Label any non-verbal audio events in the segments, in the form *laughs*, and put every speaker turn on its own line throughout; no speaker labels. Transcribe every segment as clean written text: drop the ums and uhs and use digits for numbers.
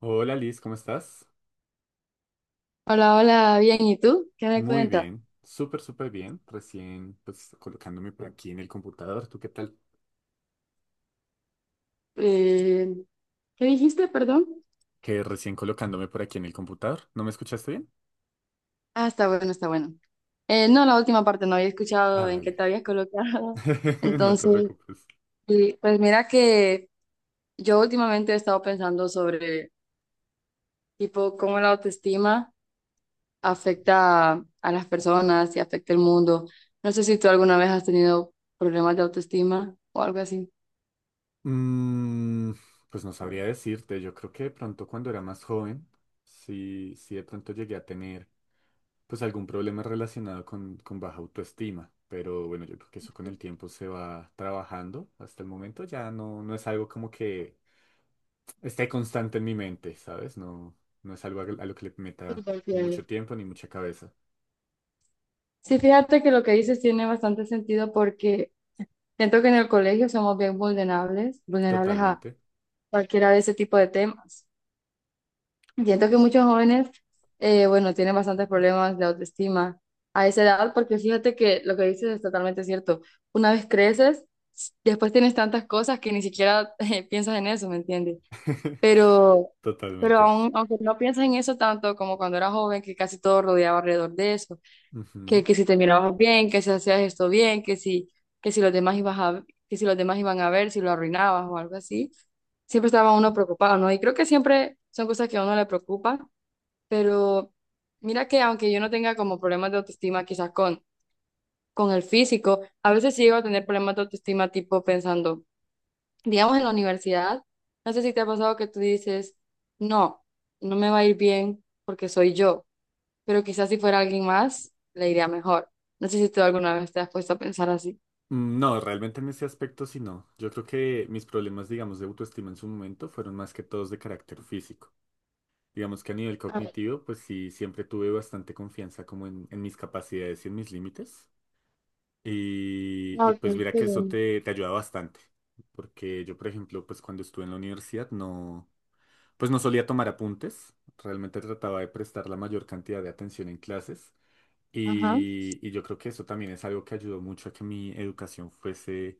Hola Liz, ¿cómo estás?
Hola, hola, bien, ¿y tú? ¿Qué me
Muy
cuentas?
bien, súper, súper bien. Recién pues colocándome por aquí en el computador. ¿Tú qué tal?
Eh, ¿Qué dijiste, perdón?
Que recién colocándome por aquí en el computador. ¿No me escuchaste bien?
Ah, está bueno, está bueno. No, la última parte no había
Ah,
escuchado en qué
vale.
te habías colocado. *laughs*
*laughs* No te
Entonces,
preocupes.
sí, pues mira que yo últimamente he estado pensando sobre, tipo, cómo la autoestima afecta a las personas y afecta el mundo. No sé si tú alguna vez has tenido problemas de autoestima o algo así.
Mm, pues no sabría decirte. Yo creo que de pronto cuando era más joven, sí, sí de pronto llegué a tener pues algún problema relacionado con baja autoestima. Pero bueno, yo creo que eso con el tiempo se va trabajando. Hasta el momento ya no, no es algo como que esté constante en mi mente, ¿sabes? No, no es algo a lo que le
Sí,
meta
porque-
mucho tiempo ni mucha cabeza.
sí, fíjate que lo que dices tiene bastante sentido porque... Siento que en el colegio somos bien vulnerables, vulnerables a
Totalmente.
cualquiera de ese tipo de temas. Siento que muchos jóvenes, bueno, tienen bastantes problemas de autoestima a esa edad, porque fíjate que lo que dices es totalmente cierto. Una vez creces, después tienes tantas cosas que ni siquiera *laughs* piensas en eso, ¿me entiendes?
*laughs*
Pero, pero
Totalmente.
aún, aunque no piensas en eso tanto como cuando era joven, que casi todo rodeaba alrededor de eso
Ujú.
que si te mirabas bien, que si hacías esto bien, que si los demás ibas a, que si los demás iban a ver, si lo arruinabas o algo así. Siempre estaba uno preocupado, ¿no? Y creo que siempre son cosas que a uno le preocupa, pero mira que aunque yo no tenga como problemas de autoestima quizás con el físico, a veces sí llego a tener problemas de autoestima tipo pensando, digamos en la universidad, no sé si te ha pasado que tú dices, no, no me va a ir bien porque soy yo pero quizás si fuera alguien más, le iría mejor. No sé si tú alguna vez te has puesto a pensar así.
No, realmente en ese aspecto sí no. Yo creo que mis problemas, digamos, de autoestima en su momento fueron más que todos de carácter físico. Digamos que a nivel cognitivo, pues sí, siempre tuve bastante confianza como en mis capacidades y en mis límites. Y,
Ah,
y
ok,
pues mira
sí,
que eso
bueno.
te ayuda bastante. Porque yo, por ejemplo, pues cuando estuve en la universidad no... Pues no solía tomar apuntes, realmente trataba de prestar la mayor cantidad de atención en clases
Ajá,
y yo creo que eso también es algo que ayudó mucho a que mi educación fuese,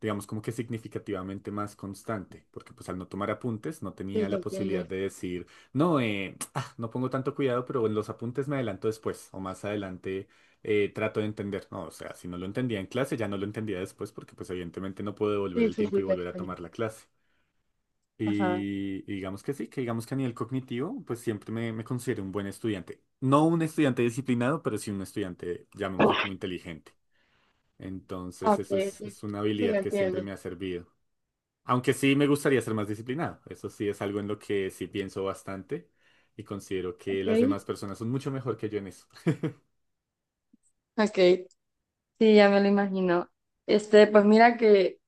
digamos, como que significativamente más constante, porque pues al no tomar apuntes no
sí,
tenía
lo
la posibilidad
entiendo.
de decir, no, *tsk* ah, no pongo tanto cuidado, pero en los apuntes me adelanto después o más adelante trato de entender, no, o sea, si no lo entendía en clase ya no lo entendía después porque pues evidentemente no puedo devolver
Sí,
el
sí,
tiempo
sí,
y
te
volver a
entiendo.
tomar la clase.
Ajá.
Y digamos que sí, que digamos que a nivel cognitivo, pues siempre me considero un buen estudiante. No un estudiante disciplinado, pero sí un estudiante, llamémoslo como inteligente.
Ah,
Entonces,
ok, sí,
es una
sí, lo
habilidad que siempre
entiendo.
me ha servido. Aunque sí me gustaría ser más disciplinado. Eso sí es algo en lo que sí pienso bastante y considero que las
Ok.
demás personas son mucho mejor que yo en eso. *laughs*
Ok, sí, ya me lo imagino. Este, pues mira que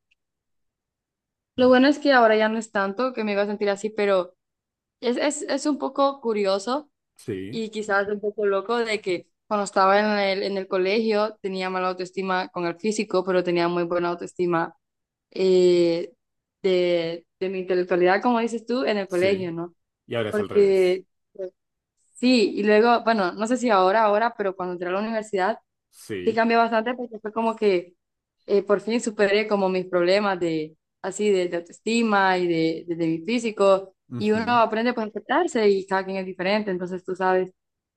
lo bueno es que ahora ya no es tanto que me iba a sentir así, pero es un poco curioso
Sí,
y quizás un poco loco de que cuando estaba en el colegio tenía mala autoestima con el físico, pero tenía muy buena autoestima eh, de mi intelectualidad, como dices tú, en el
sí.
colegio, ¿no?
Y ahora es al revés.
Porque pues, sí, y luego, bueno, no sé si ahora, pero cuando entré a la universidad, sí
Sí.
cambió bastante porque fue como que por fin superé como mis problemas de así de autoestima y de mi físico y uno
Ujú.
aprende pues a aceptarse y cada quien es diferente, entonces tú sabes.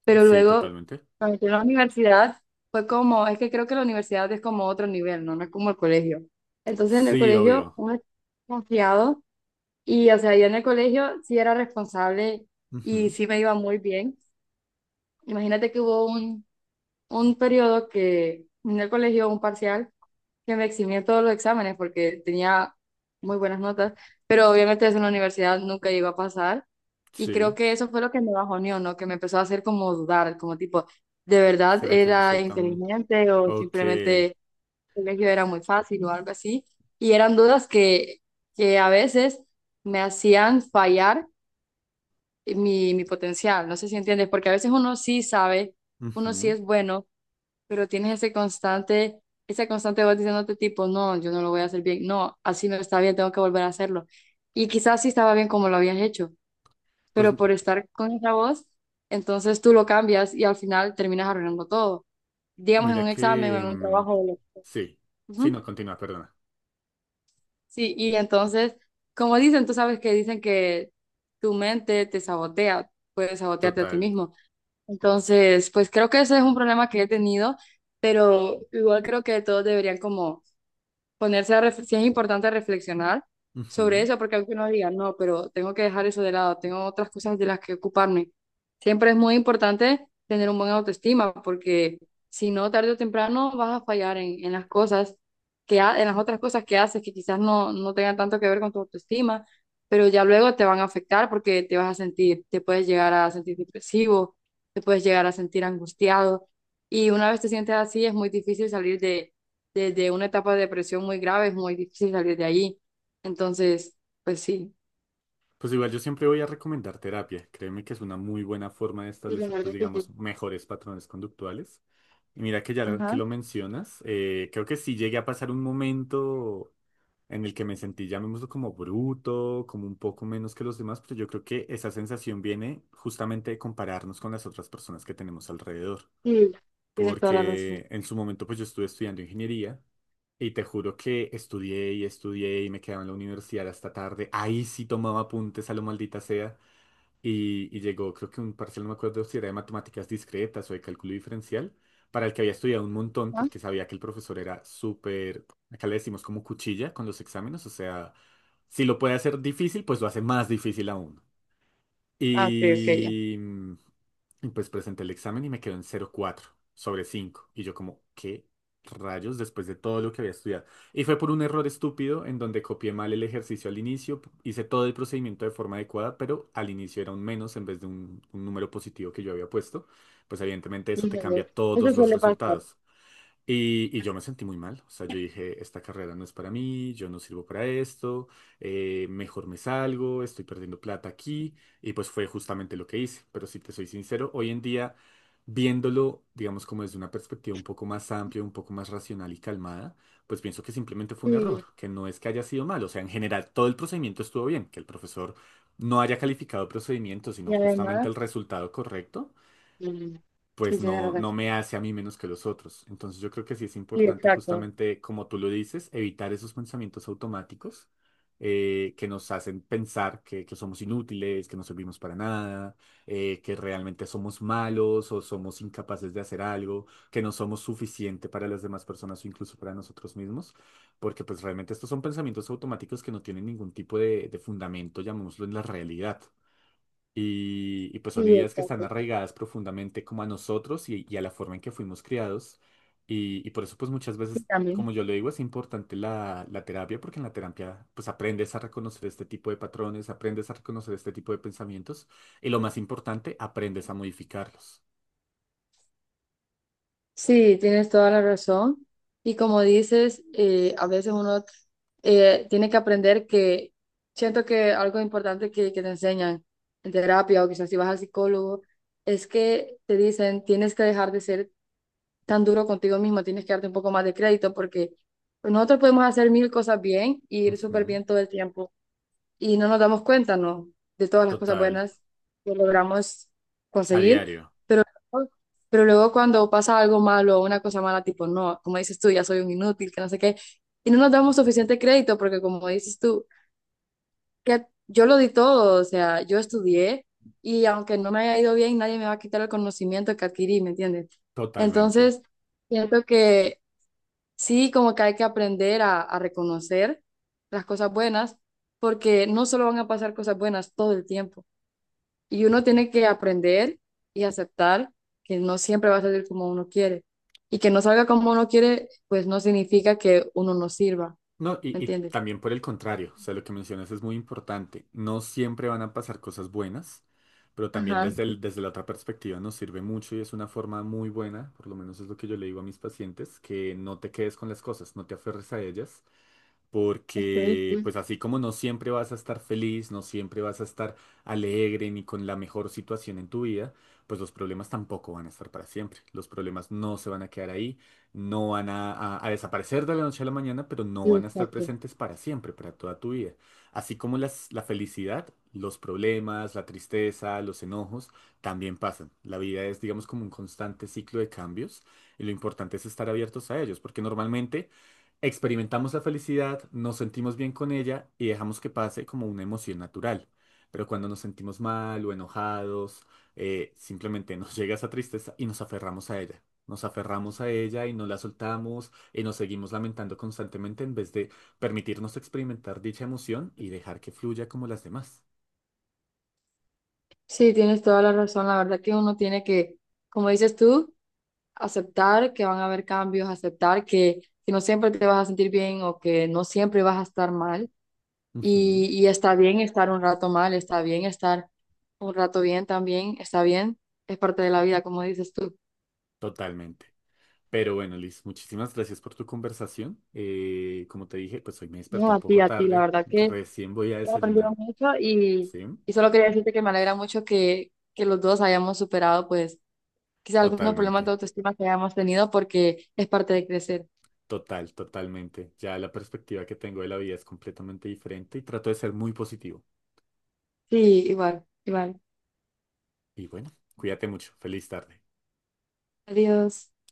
Pero
Sí,
luego
totalmente.
cuando entré a la universidad fue como, es que creo que la universidad es como otro nivel, ¿no? No es como el colegio. Entonces en el
Sí,
colegio
obvio.
uno es confiado y o sea, yo en el colegio sí era responsable y
Ujú.
sí me iba muy bien. Imagínate que hubo un periodo que en el colegio, un parcial, que me eximía todos los exámenes porque tenía muy buenas notas, pero obviamente eso en la universidad nunca iba a pasar. Y creo
Sí.
que eso fue lo que me bajoneó, ¿no? Que me empezó a hacer como dudar, como tipo, ¿de verdad
¿Será que no
era
soy tan...
inteligente o
Ok.
simplemente el colegio era muy fácil o algo así? Y eran dudas que a veces me hacían fallar mi potencial, no sé si entiendes, porque a veces uno sí sabe, uno sí
Ujú.
es bueno pero tienes ese constante, esa constante voz diciéndote tipo, no, yo no lo voy a hacer bien, no, así no está bien, tengo que volver a hacerlo. Y quizás sí estaba bien como lo habías hecho,
Pues
pero por estar con esa voz, entonces tú lo cambias y al final terminas arruinando todo, digamos en un
mira
examen o
que...
en un trabajo.
Sí. Sí, no,
Ujú.
continúa, perdona.
Sí, y entonces, como dicen, tú sabes que dicen que tu mente te sabotea, puedes sabotearte a ti
Total.
mismo. Entonces, pues creo que ese es un problema que he tenido, pero igual creo que todos deberían como sí es importante reflexionar sobre
Ujú.
eso, porque aunque uno diga, no, pero tengo que dejar eso de lado, tengo otras cosas de las que ocuparme. Siempre es muy importante tener un buen autoestima, porque si no, tarde o temprano vas a fallar en las cosas en las otras cosas que haces que quizás no tengan tanto que ver con tu autoestima, pero ya luego te van a afectar porque te vas a sentir, te puedes llegar a sentir depresivo, te puedes llegar a sentir angustiado, y una vez te sientes así es muy difícil salir de desde una etapa de depresión muy grave, es muy difícil salir de ahí. Entonces, pues sí.
Pues igual yo siempre voy a recomendar terapia. Créeme que es una muy buena forma de
Sí, la
establecer,
verdad
pues
es que
digamos,
sí.
mejores patrones conductuales. Y mira que ya que
Ajá.
lo mencionas, creo que sí llegué a pasar un momento en el que me sentí, llamémoslo como bruto, como un poco menos que los demás, pero yo creo que esa sensación viene justamente de compararnos con las otras personas que tenemos alrededor.
Sí, tienes toda la razón.
Porque en su momento pues yo estuve estudiando ingeniería y te juro que estudié y estudié y me quedaba en la universidad hasta tarde. Ahí sí tomaba apuntes a lo maldita sea y llegó creo que un parcial, no me acuerdo si era de matemáticas discretas o de cálculo diferencial, para el que había estudiado un montón
Ajá.
porque sabía que el profesor era súper, acá le decimos como cuchilla con los exámenes, o sea, si lo puede hacer difícil pues lo hace más difícil aún.
Ah, ok, ok, ya.
Y, mm, y pues presenté el examen y me quedó en cero coma cuatro sobre cinco. Y yo como, ¿qué rayos después de todo lo que había estudiado? Y fue por un error estúpido en donde copié mal el ejercicio al inicio, hice todo el procedimiento de forma adecuada, pero al inicio era un menos en vez de un número positivo que yo había puesto. Pues evidentemente eso te
Híjole,
cambia
eso
todos los
suele pasar.
resultados. Y yo me sentí muy mal, o sea, yo dije, esta carrera no es para mí, yo no sirvo para esto, mejor me salgo, estoy perdiendo plata aquí, y pues fue justamente lo que hice, pero si te soy sincero, hoy en día, viéndolo, digamos, como desde una perspectiva un poco más amplia, un poco más racional y calmada, pues pienso que simplemente fue un
Sí,
error, que no es que haya sido mal, o sea, en general todo el procedimiento estuvo bien, que el profesor no haya calificado el procedimiento, sino
y
justamente
además,
el resultado correcto
sí, sí,
pues
tienes
no,
razón.
no me hace a mí menos que los otros. Entonces yo creo que sí es
Sí,
importante
exacto.
justamente, como tú lo dices, evitar esos pensamientos automáticos que nos hacen pensar que somos inútiles, que no servimos para nada, que realmente somos malos o somos incapaces de hacer algo, que no somos suficiente para las demás personas o incluso para nosotros mismos, porque pues realmente estos son pensamientos automáticos que no tienen ningún tipo de fundamento, llamémoslo en la realidad. Y pues son
Sí,
ideas que están
exacto.
arraigadas profundamente como a nosotros y a la forma en que fuimos criados. Y por eso pues muchas
Sí,
veces,
también.
como yo lo digo, es importante la terapia porque en la terapia pues aprendes a reconocer este tipo de patrones, aprendes a reconocer este tipo de pensamientos y lo más importante, aprendes a modificarlos.
Sí, tienes toda la razón. Y como dices, a veces uno tiene que aprender que siento que algo importante que te enseñan en terapia o quizás si vas al psicólogo es que te dicen tienes que dejar de ser tan duro contigo mismo, tienes que darte un poco más de crédito porque nosotros podemos hacer mil cosas bien y ir súper
Ujú.
bien todo el tiempo y no nos damos cuenta, ¿no? De todas las cosas
Total,
buenas que logramos
a
conseguir,
diario,
pero, pero luego cuando pasa algo malo o una cosa mala, tipo, no, como dices tú, ya soy un inútil, que no sé qué, y no nos damos suficiente crédito porque como dices tú, que yo lo di todo, o sea, yo estudié y aunque no me haya ido bien, nadie me va a quitar el conocimiento que adquirí, ¿me entiendes?
totalmente.
Entonces, siento que... Sí, como que hay que aprender a reconocer las cosas buenas, porque no solo van a pasar cosas buenas todo el tiempo. Y uno tiene que aprender y aceptar que no siempre va a salir como uno quiere. Y que no salga como uno quiere, pues no significa que uno no sirva,
No,
¿me
y
entiendes?
también por el contrario, o sea, lo que mencionas es muy importante. No siempre van a pasar cosas buenas, pero también
Ajá,
desde la otra perspectiva nos sirve mucho y es una forma muy buena, por lo menos es lo que yo le digo a mis pacientes, que no te quedes con las cosas, no te aferres a ellas,
ok,
porque
sí,
pues así como no siempre vas a estar feliz, no siempre vas a estar alegre ni con la mejor situación en tu vida, pues los problemas tampoco van a estar para siempre. Los problemas no se van a quedar ahí, no van a desaparecer de la noche a la mañana, pero no
sí,
van a estar
exacto.
presentes para siempre, para toda tu vida. Así como la felicidad, los problemas, la tristeza, los enojos, también pasan. La vida es, digamos, como un constante ciclo de cambios y lo importante es estar abiertos a ellos, porque normalmente... Experimentamos la felicidad, nos sentimos bien con ella y dejamos que pase como una emoción natural. Pero cuando nos sentimos mal o enojados, simplemente *laughs* nos llega esa tristeza y nos aferramos a ella. Nos aferramos a ella y no la soltamos y nos seguimos lamentando constantemente en vez de permitirnos experimentar dicha emoción y dejar que fluya como las demás.
Sí, tienes toda la razón. La verdad que uno tiene que, como dices tú, aceptar que van a haber cambios, aceptar que no siempre te vas a sentir bien o que no siempre vas a estar mal.
Ujú,
Y está bien estar un rato mal, está bien estar un rato bien también, está bien, es parte de la vida, como dices tú.
totalmente. Pero bueno, Liz, muchísimas gracias por tu conversación. Como te dije, pues hoy me
No,
desperté un poco
a ti, la
tarde.
verdad que
Recién voy a
he
desayunar.
aprendido mucho
¿Sí?
y solo quería decirte que me alegra mucho que los dos hayamos superado, pues, quizá algunos problemas de
Totalmente,
autoestima que hayamos tenido porque es parte de crecer.
total, totalmente. Ya la perspectiva que tengo de la vida es completamente diferente y trato de ser muy positivo.
Sí, igual, igual.
Y bueno, cuídate mucho. Feliz tarde.
Adiós.